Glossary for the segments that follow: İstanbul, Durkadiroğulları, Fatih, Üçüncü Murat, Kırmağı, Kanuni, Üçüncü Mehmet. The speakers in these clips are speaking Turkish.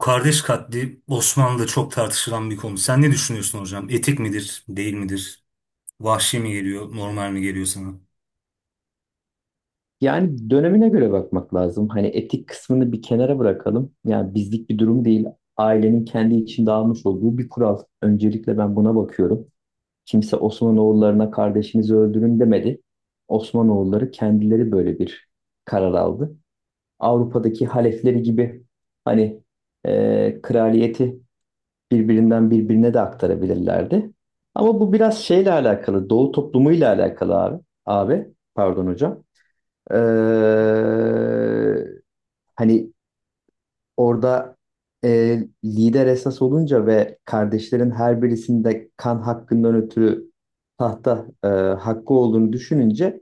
Kardeş katli Osmanlı'da çok tartışılan bir konu. Sen ne düşünüyorsun hocam? Etik midir, değil midir? Vahşi mi geliyor, normal mi geliyor sana? Yani dönemine göre bakmak lazım. Hani etik kısmını bir kenara bırakalım. Yani bizlik bir durum değil. Ailenin kendi içinde almış olduğu bir kural. Öncelikle ben buna bakıyorum. Kimse Osmanoğullarına kardeşinizi öldürün demedi. Osmanoğulları kendileri böyle bir karar aldı. Avrupa'daki halefleri gibi hani kraliyeti birbirinden birbirine de aktarabilirlerdi. Ama bu biraz şeyle alakalı, Doğu toplumuyla alakalı abi. Abi, pardon hocam. Ee, hani orada lider esas olunca ve kardeşlerin her birisinde kan hakkından ötürü tahta hakkı olduğunu düşününce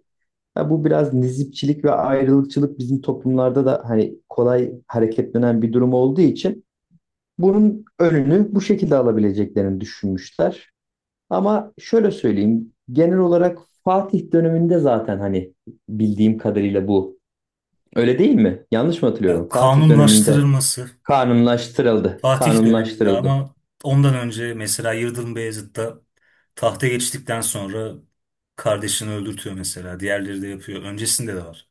ha, bu biraz nizipçilik ve ayrılıkçılık bizim toplumlarda da hani kolay hareketlenen bir durum olduğu için bunun önünü bu şekilde alabileceklerini düşünmüşler. Ama şöyle söyleyeyim genel olarak Fatih döneminde zaten hani bildiğim kadarıyla bu öyle değil mi? Yanlış mı Ya hatırlıyorum? Fatih döneminde kanunlaştırılması kanunlaştırıldı. Fatih döneminde, Kanunlaştırıldı. ama ondan önce mesela Yıldırım Beyazıt'ta tahta geçtikten sonra kardeşini öldürtüyor mesela. Diğerleri de yapıyor. Öncesinde de var.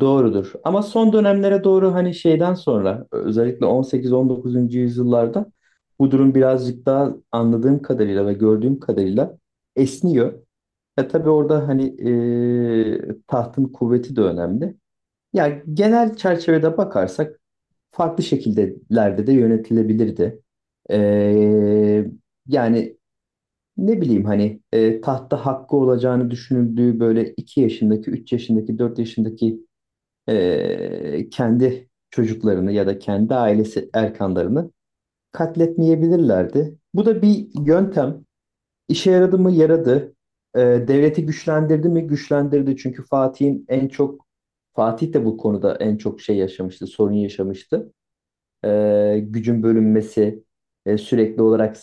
Doğrudur. Ama son dönemlere doğru hani şeyden sonra özellikle 18-19. Yüzyıllarda bu durum birazcık daha anladığım kadarıyla ve gördüğüm kadarıyla esniyor. Ya tabii orada hani tahtın kuvveti de önemli. Ya genel çerçevede bakarsak farklı şekillerde de yönetilebilirdi. Eee yani ne bileyim hani tahta hakkı olacağını düşünüldüğü böyle 2 yaşındaki, 3 yaşındaki, 4 yaşındaki kendi çocuklarını ya da kendi ailesi erkanlarını katletmeyebilirlerdi. Bu da bir yöntem. İşe yaradı mı? Yaradı. Devleti güçlendirdi mi? Güçlendirdi. Çünkü Fatih'in en çok Fatih de bu konuda en çok şey yaşamıştı, sorun yaşamıştı gücün bölünmesi, sürekli olarak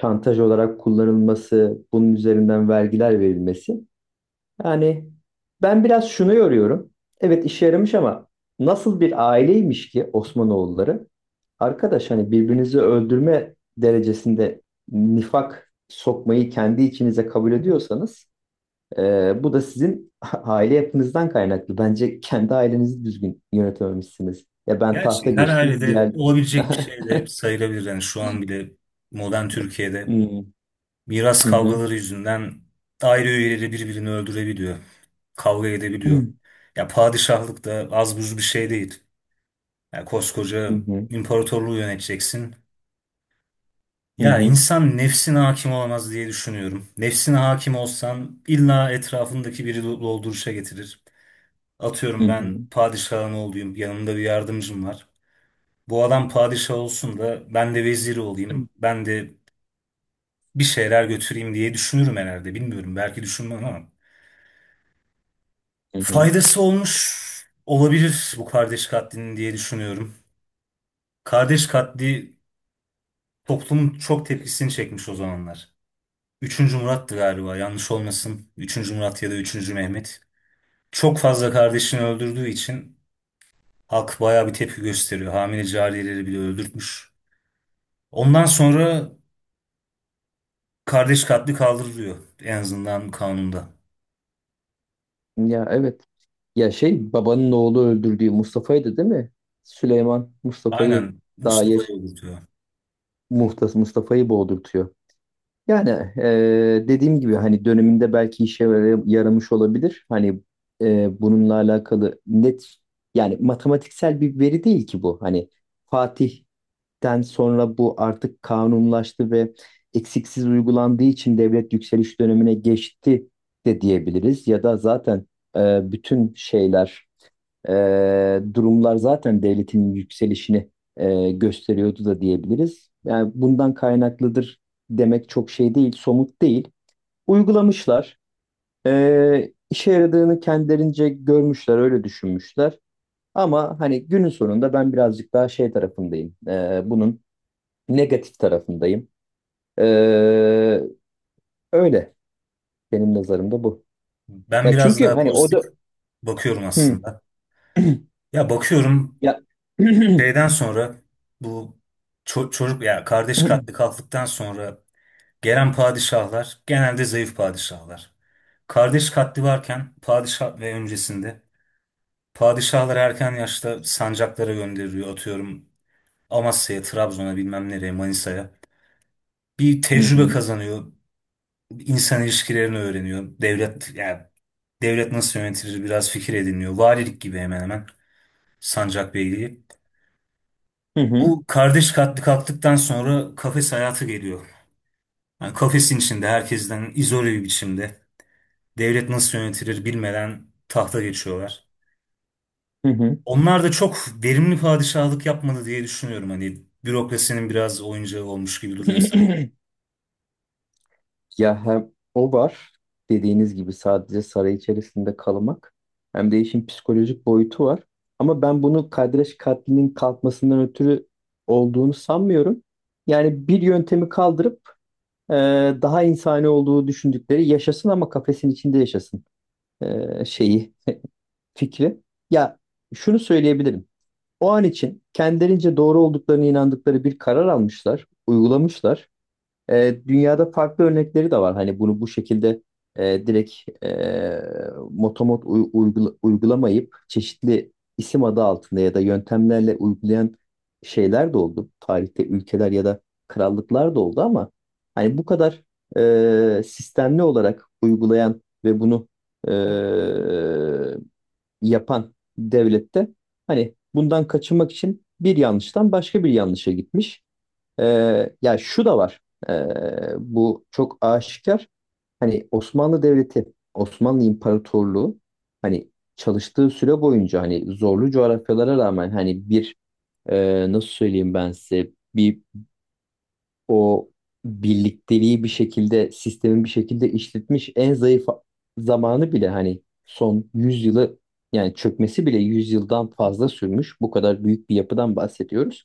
şantaj olarak kullanılması, bunun üzerinden vergiler verilmesi. Yani ben biraz şunu yoruyorum. Evet işe yaramış ama nasıl bir aileymiş ki Osmanoğulları? Arkadaş hani birbirinizi öldürme derecesinde nifak sokmayı kendi içinize kabul ediyorsanız bu da sizin aile yapınızdan kaynaklı. Bence kendi ailenizi düzgün yönetememişsiniz. Ya ben Gerçi tahta her geçtim. ailede Diğer olabilecek bir şey de sayılabilir. Yani şu an bile modern Türkiye'de Hmm. miras Hı hı. kavgaları yüzünden aile üyeleri birbirini öldürebiliyor. Kavga Hı edebiliyor. hı. Ya padişahlık da az buz bir şey değil. Ya koskoca imparatorluğu yöneteceksin. Hı Ya hı. insan nefsine hakim olamaz diye düşünüyorum. Nefsine hakim olsan illa etrafındaki biri dolduruşa getirir. Hı Atıyorum ben hı. padişahın oğluyum, yanımda bir yardımcım var. Bu adam padişah olsun da ben de veziri olayım, ben de bir şeyler götüreyim diye düşünürüm herhalde. Bilmiyorum, belki düşünmem ama. Hı hı. Faydası olmuş olabilir bu kardeş katlinin diye düşünüyorum. Kardeş katli toplumun çok tepkisini çekmiş o zamanlar. Üçüncü Murat'tı galiba, yanlış olmasın. Üçüncü Murat ya da Üçüncü Mehmet. Çok fazla kardeşini öldürdüğü için halk bayağı bir tepki gösteriyor. Hamile cariyeleri bile öldürtmüş. Ondan sonra kardeş katli kaldırılıyor, en azından kanunda. Ya evet. Ya şey babanın oğlu öldürdüğü Mustafa'ydı değil mi? Süleyman Mustafa'yı Aynen, Mustafa'yı Daeş öldürtüyor. Muhtas Mustafa'yı boğdurtuyor. Yani dediğim gibi hani döneminde belki yaramış olabilir. Hani bununla alakalı net yani matematiksel bir veri değil ki bu. Hani Fatih Den sonra bu artık kanunlaştı ve eksiksiz uygulandığı için devlet yükseliş dönemine geçti de diyebiliriz. Ya da zaten bütün şeyler, e, durumlar zaten devletin yükselişini gösteriyordu da diyebiliriz. Yani bundan kaynaklıdır demek çok şey değil, somut değil. Uygulamışlar. E, işe yaradığını kendilerince görmüşler, öyle düşünmüşler. Ama hani günün sonunda ben birazcık daha şey tarafındayım. Bunun negatif tarafındayım. Ee, öyle benim nazarımda bu. Ben Ya biraz çünkü daha hani o pozitif da bakıyorum hı. aslında. Ya bakıyorum, Ya. Hı şeyden sonra, bu ço- çocuk ya kardeş katli kalktıktan sonra gelen padişahlar genelde zayıf padişahlar. Kardeş katli varken padişah ve öncesinde padişahları erken yaşta sancaklara gönderiliyor. Atıyorum Amasya'ya, Trabzon'a, bilmem nereye, Manisa'ya. Bir tecrübe hı, kazanıyor, insan ilişkilerini öğreniyor. Devlet, yani devlet nasıl yönetilir biraz fikir ediniyor. Valilik gibi hemen hemen, sancak beyliği. hı hı, Bu kardeş katli kalktıktan sonra kafes hayatı geliyor. Yani kafesin içinde herkesten izole bir biçimde, devlet nasıl yönetilir bilmeden tahta geçiyorlar. hı hı. Onlar da çok verimli padişahlık yapmadı diye düşünüyorum. Hani bürokrasinin biraz oyuncağı olmuş gibi duruyor sanki. Ya hem o var dediğiniz gibi sadece saray içerisinde kalmak hem de işin psikolojik boyutu var. Ama ben bunu Kadreş katlinin kalkmasından ötürü olduğunu sanmıyorum. Yani bir yöntemi kaldırıp e, daha insani olduğu düşündükleri yaşasın ama kafesin içinde yaşasın şeyi fikri. Ya şunu söyleyebilirim. O an için kendilerince doğru olduklarını inandıkları bir karar almışlar, uygulamışlar. Dünyada farklı örnekleri de var. Hani bunu bu şekilde direkt motomot uygulamayıp çeşitli isim adı altında ya da yöntemlerle uygulayan şeyler de oldu. Tarihte ülkeler ya da krallıklar da oldu ama hani bu kadar sistemli olarak uygulayan ve bunu e, yapan devlette hani bundan kaçınmak için bir yanlıştan başka bir yanlışa gitmiş. Ya yani şu da var. Ee, bu çok aşikar. Hani Osmanlı Devleti, Osmanlı İmparatorluğu hani çalıştığı süre boyunca hani zorlu coğrafyalara rağmen hani bir nasıl söyleyeyim ben size bir o birlikteliği bir şekilde sistemin bir şekilde işletmiş en zayıf zamanı bile hani son 100 yılı yani çökmesi bile 100 yıldan fazla sürmüş. Bu kadar büyük bir yapıdan bahsediyoruz.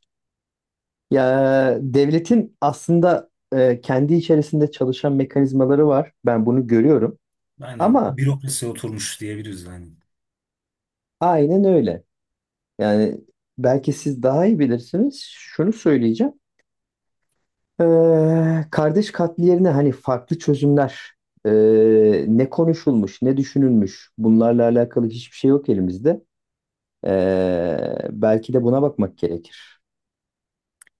Ya devletin aslında kendi içerisinde çalışan mekanizmaları var. Ben bunu görüyorum. Aynen, Ama bürokrasi oturmuş diyebiliriz yani. aynen öyle. Yani belki siz daha iyi bilirsiniz. Şunu söyleyeceğim. Kardeş katli yerine hani farklı çözümler ne konuşulmuş ne düşünülmüş bunlarla alakalı hiçbir şey yok elimizde. Belki de buna bakmak gerekir.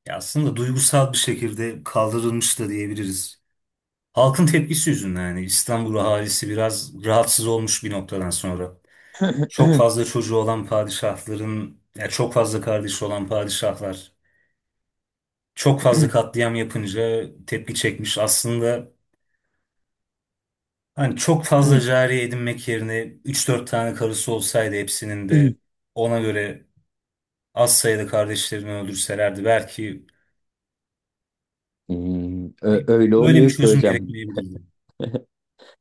Ya aslında duygusal bir şekilde kaldırılmış da diyebiliriz. Halkın tepkisi yüzünden, yani İstanbul ahalisi biraz rahatsız olmuş bir noktadan sonra. Çok fazla çocuğu olan padişahların, ya çok fazla kardeşi olan padişahlar çok fazla katliam yapınca tepki çekmiş. Aslında hani çok fazla cariye edinmek yerine üç dört tane karısı olsaydı, hepsinin de ona göre az sayıda kardeşlerini öldürselerdi belki Hmm, ö- hani öyle öyle bir olmuyor ki çözüm hocam. gerekmeyebilirdi.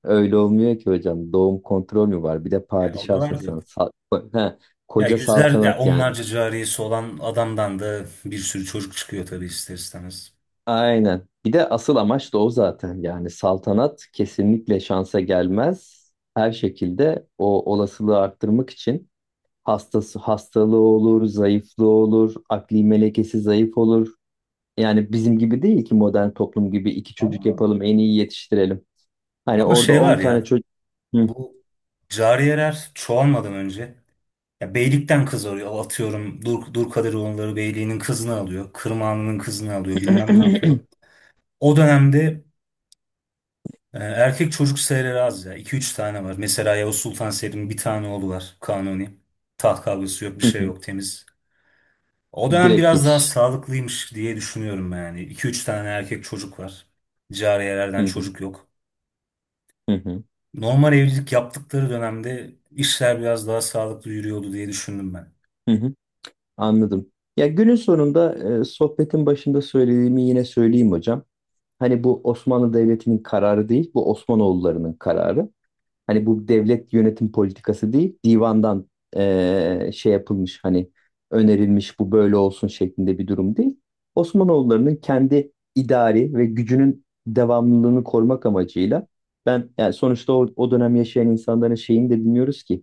Öyle olmuyor ki hocam. Doğum kontrol mü var? Bir de Yani o da padişahsın sen. vardı. Ha, Ya koca yüzler ya saltanat yani. onlarca cariyesi olan adamdan da bir sürü çocuk çıkıyor tabii, ister istemez. Aynen. Bir de asıl amaç da o zaten. Yani saltanat kesinlikle şansa gelmez. Her şekilde o olasılığı arttırmak için hastası hastalığı olur, zayıflığı olur, akli melekesi zayıf olur. Yani bizim gibi değil ki modern toplum gibi iki çocuk Ama yapalım, en iyi yetiştirelim. Hani ama orada şey 10 var tane ya, çocuk. Hı. bu cariyeler çoğalmadan önce ya beylikten kız arıyor. Atıyorum Durkadiroğulları beyliğinin kızını alıyor. Kırmağının kızını alıyor, bilmem ne yapıyor. O dönemde erkek çocuk serileri az ya. İki üç tane var. Mesela Yavuz Sultan Selim'in bir tane oğlu var. Kanuni. Taht kavgası yok, bir şey yok, temiz. O dönem Direkt biraz daha geçiş. sağlıklıymış diye düşünüyorum ben yani. İki üç tane erkek çocuk var. Cariyelerden Hı hı, çocuk yok. hı hı, Normal evlilik yaptıkları dönemde işler biraz daha sağlıklı yürüyordu diye düşündüm ben. hı hı. Anladım. Ya günün sonunda sohbetin başında söylediğimi yine söyleyeyim hocam. Hani bu Osmanlı Devleti'nin kararı değil, bu Osmanoğullarının kararı. Hani bu devlet yönetim politikası değil, divandan şey yapılmış hani önerilmiş bu böyle olsun şeklinde bir durum değil. Osmanoğullarının kendi idari ve gücünün devamlılığını korumak amacıyla ben yani sonuçta o dönem yaşayan insanların şeyini de bilmiyoruz ki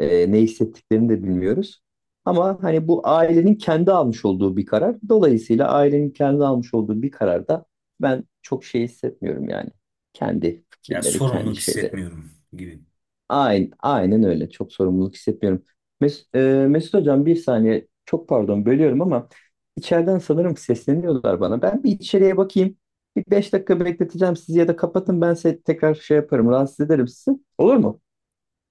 ne hissettiklerini de bilmiyoruz. Ama hani bu ailenin kendi almış olduğu bir karar. Dolayısıyla ailenin kendi almış olduğu bir kararda ben çok şey hissetmiyorum yani. Kendi Ya fikirleri, kendi sorumluluk şeyleri. hissetmiyorum gibi. Aynen, aynen öyle. Çok sorumluluk hissetmiyorum. Mes e, Mesut Hocam bir saniye. Çok pardon bölüyorum ama içeriden sanırım sesleniyorlar bana. Ben bir içeriye bakayım. Bir 5 dakika bekleteceğim sizi ya da kapatın ben size tekrar şey yaparım. Rahatsız ederim sizi. Olur mu?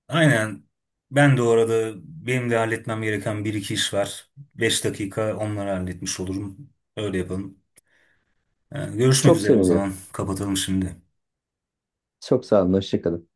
Aynen. Ben de orada, benim de halletmem gereken bir iki iş var. 5 dakika, onları halletmiş olurum. Öyle yapalım. Görüşmek Çok üzere o sevinirim. zaman. Kapatalım şimdi. Çok sağ olun. Hoşça kalın.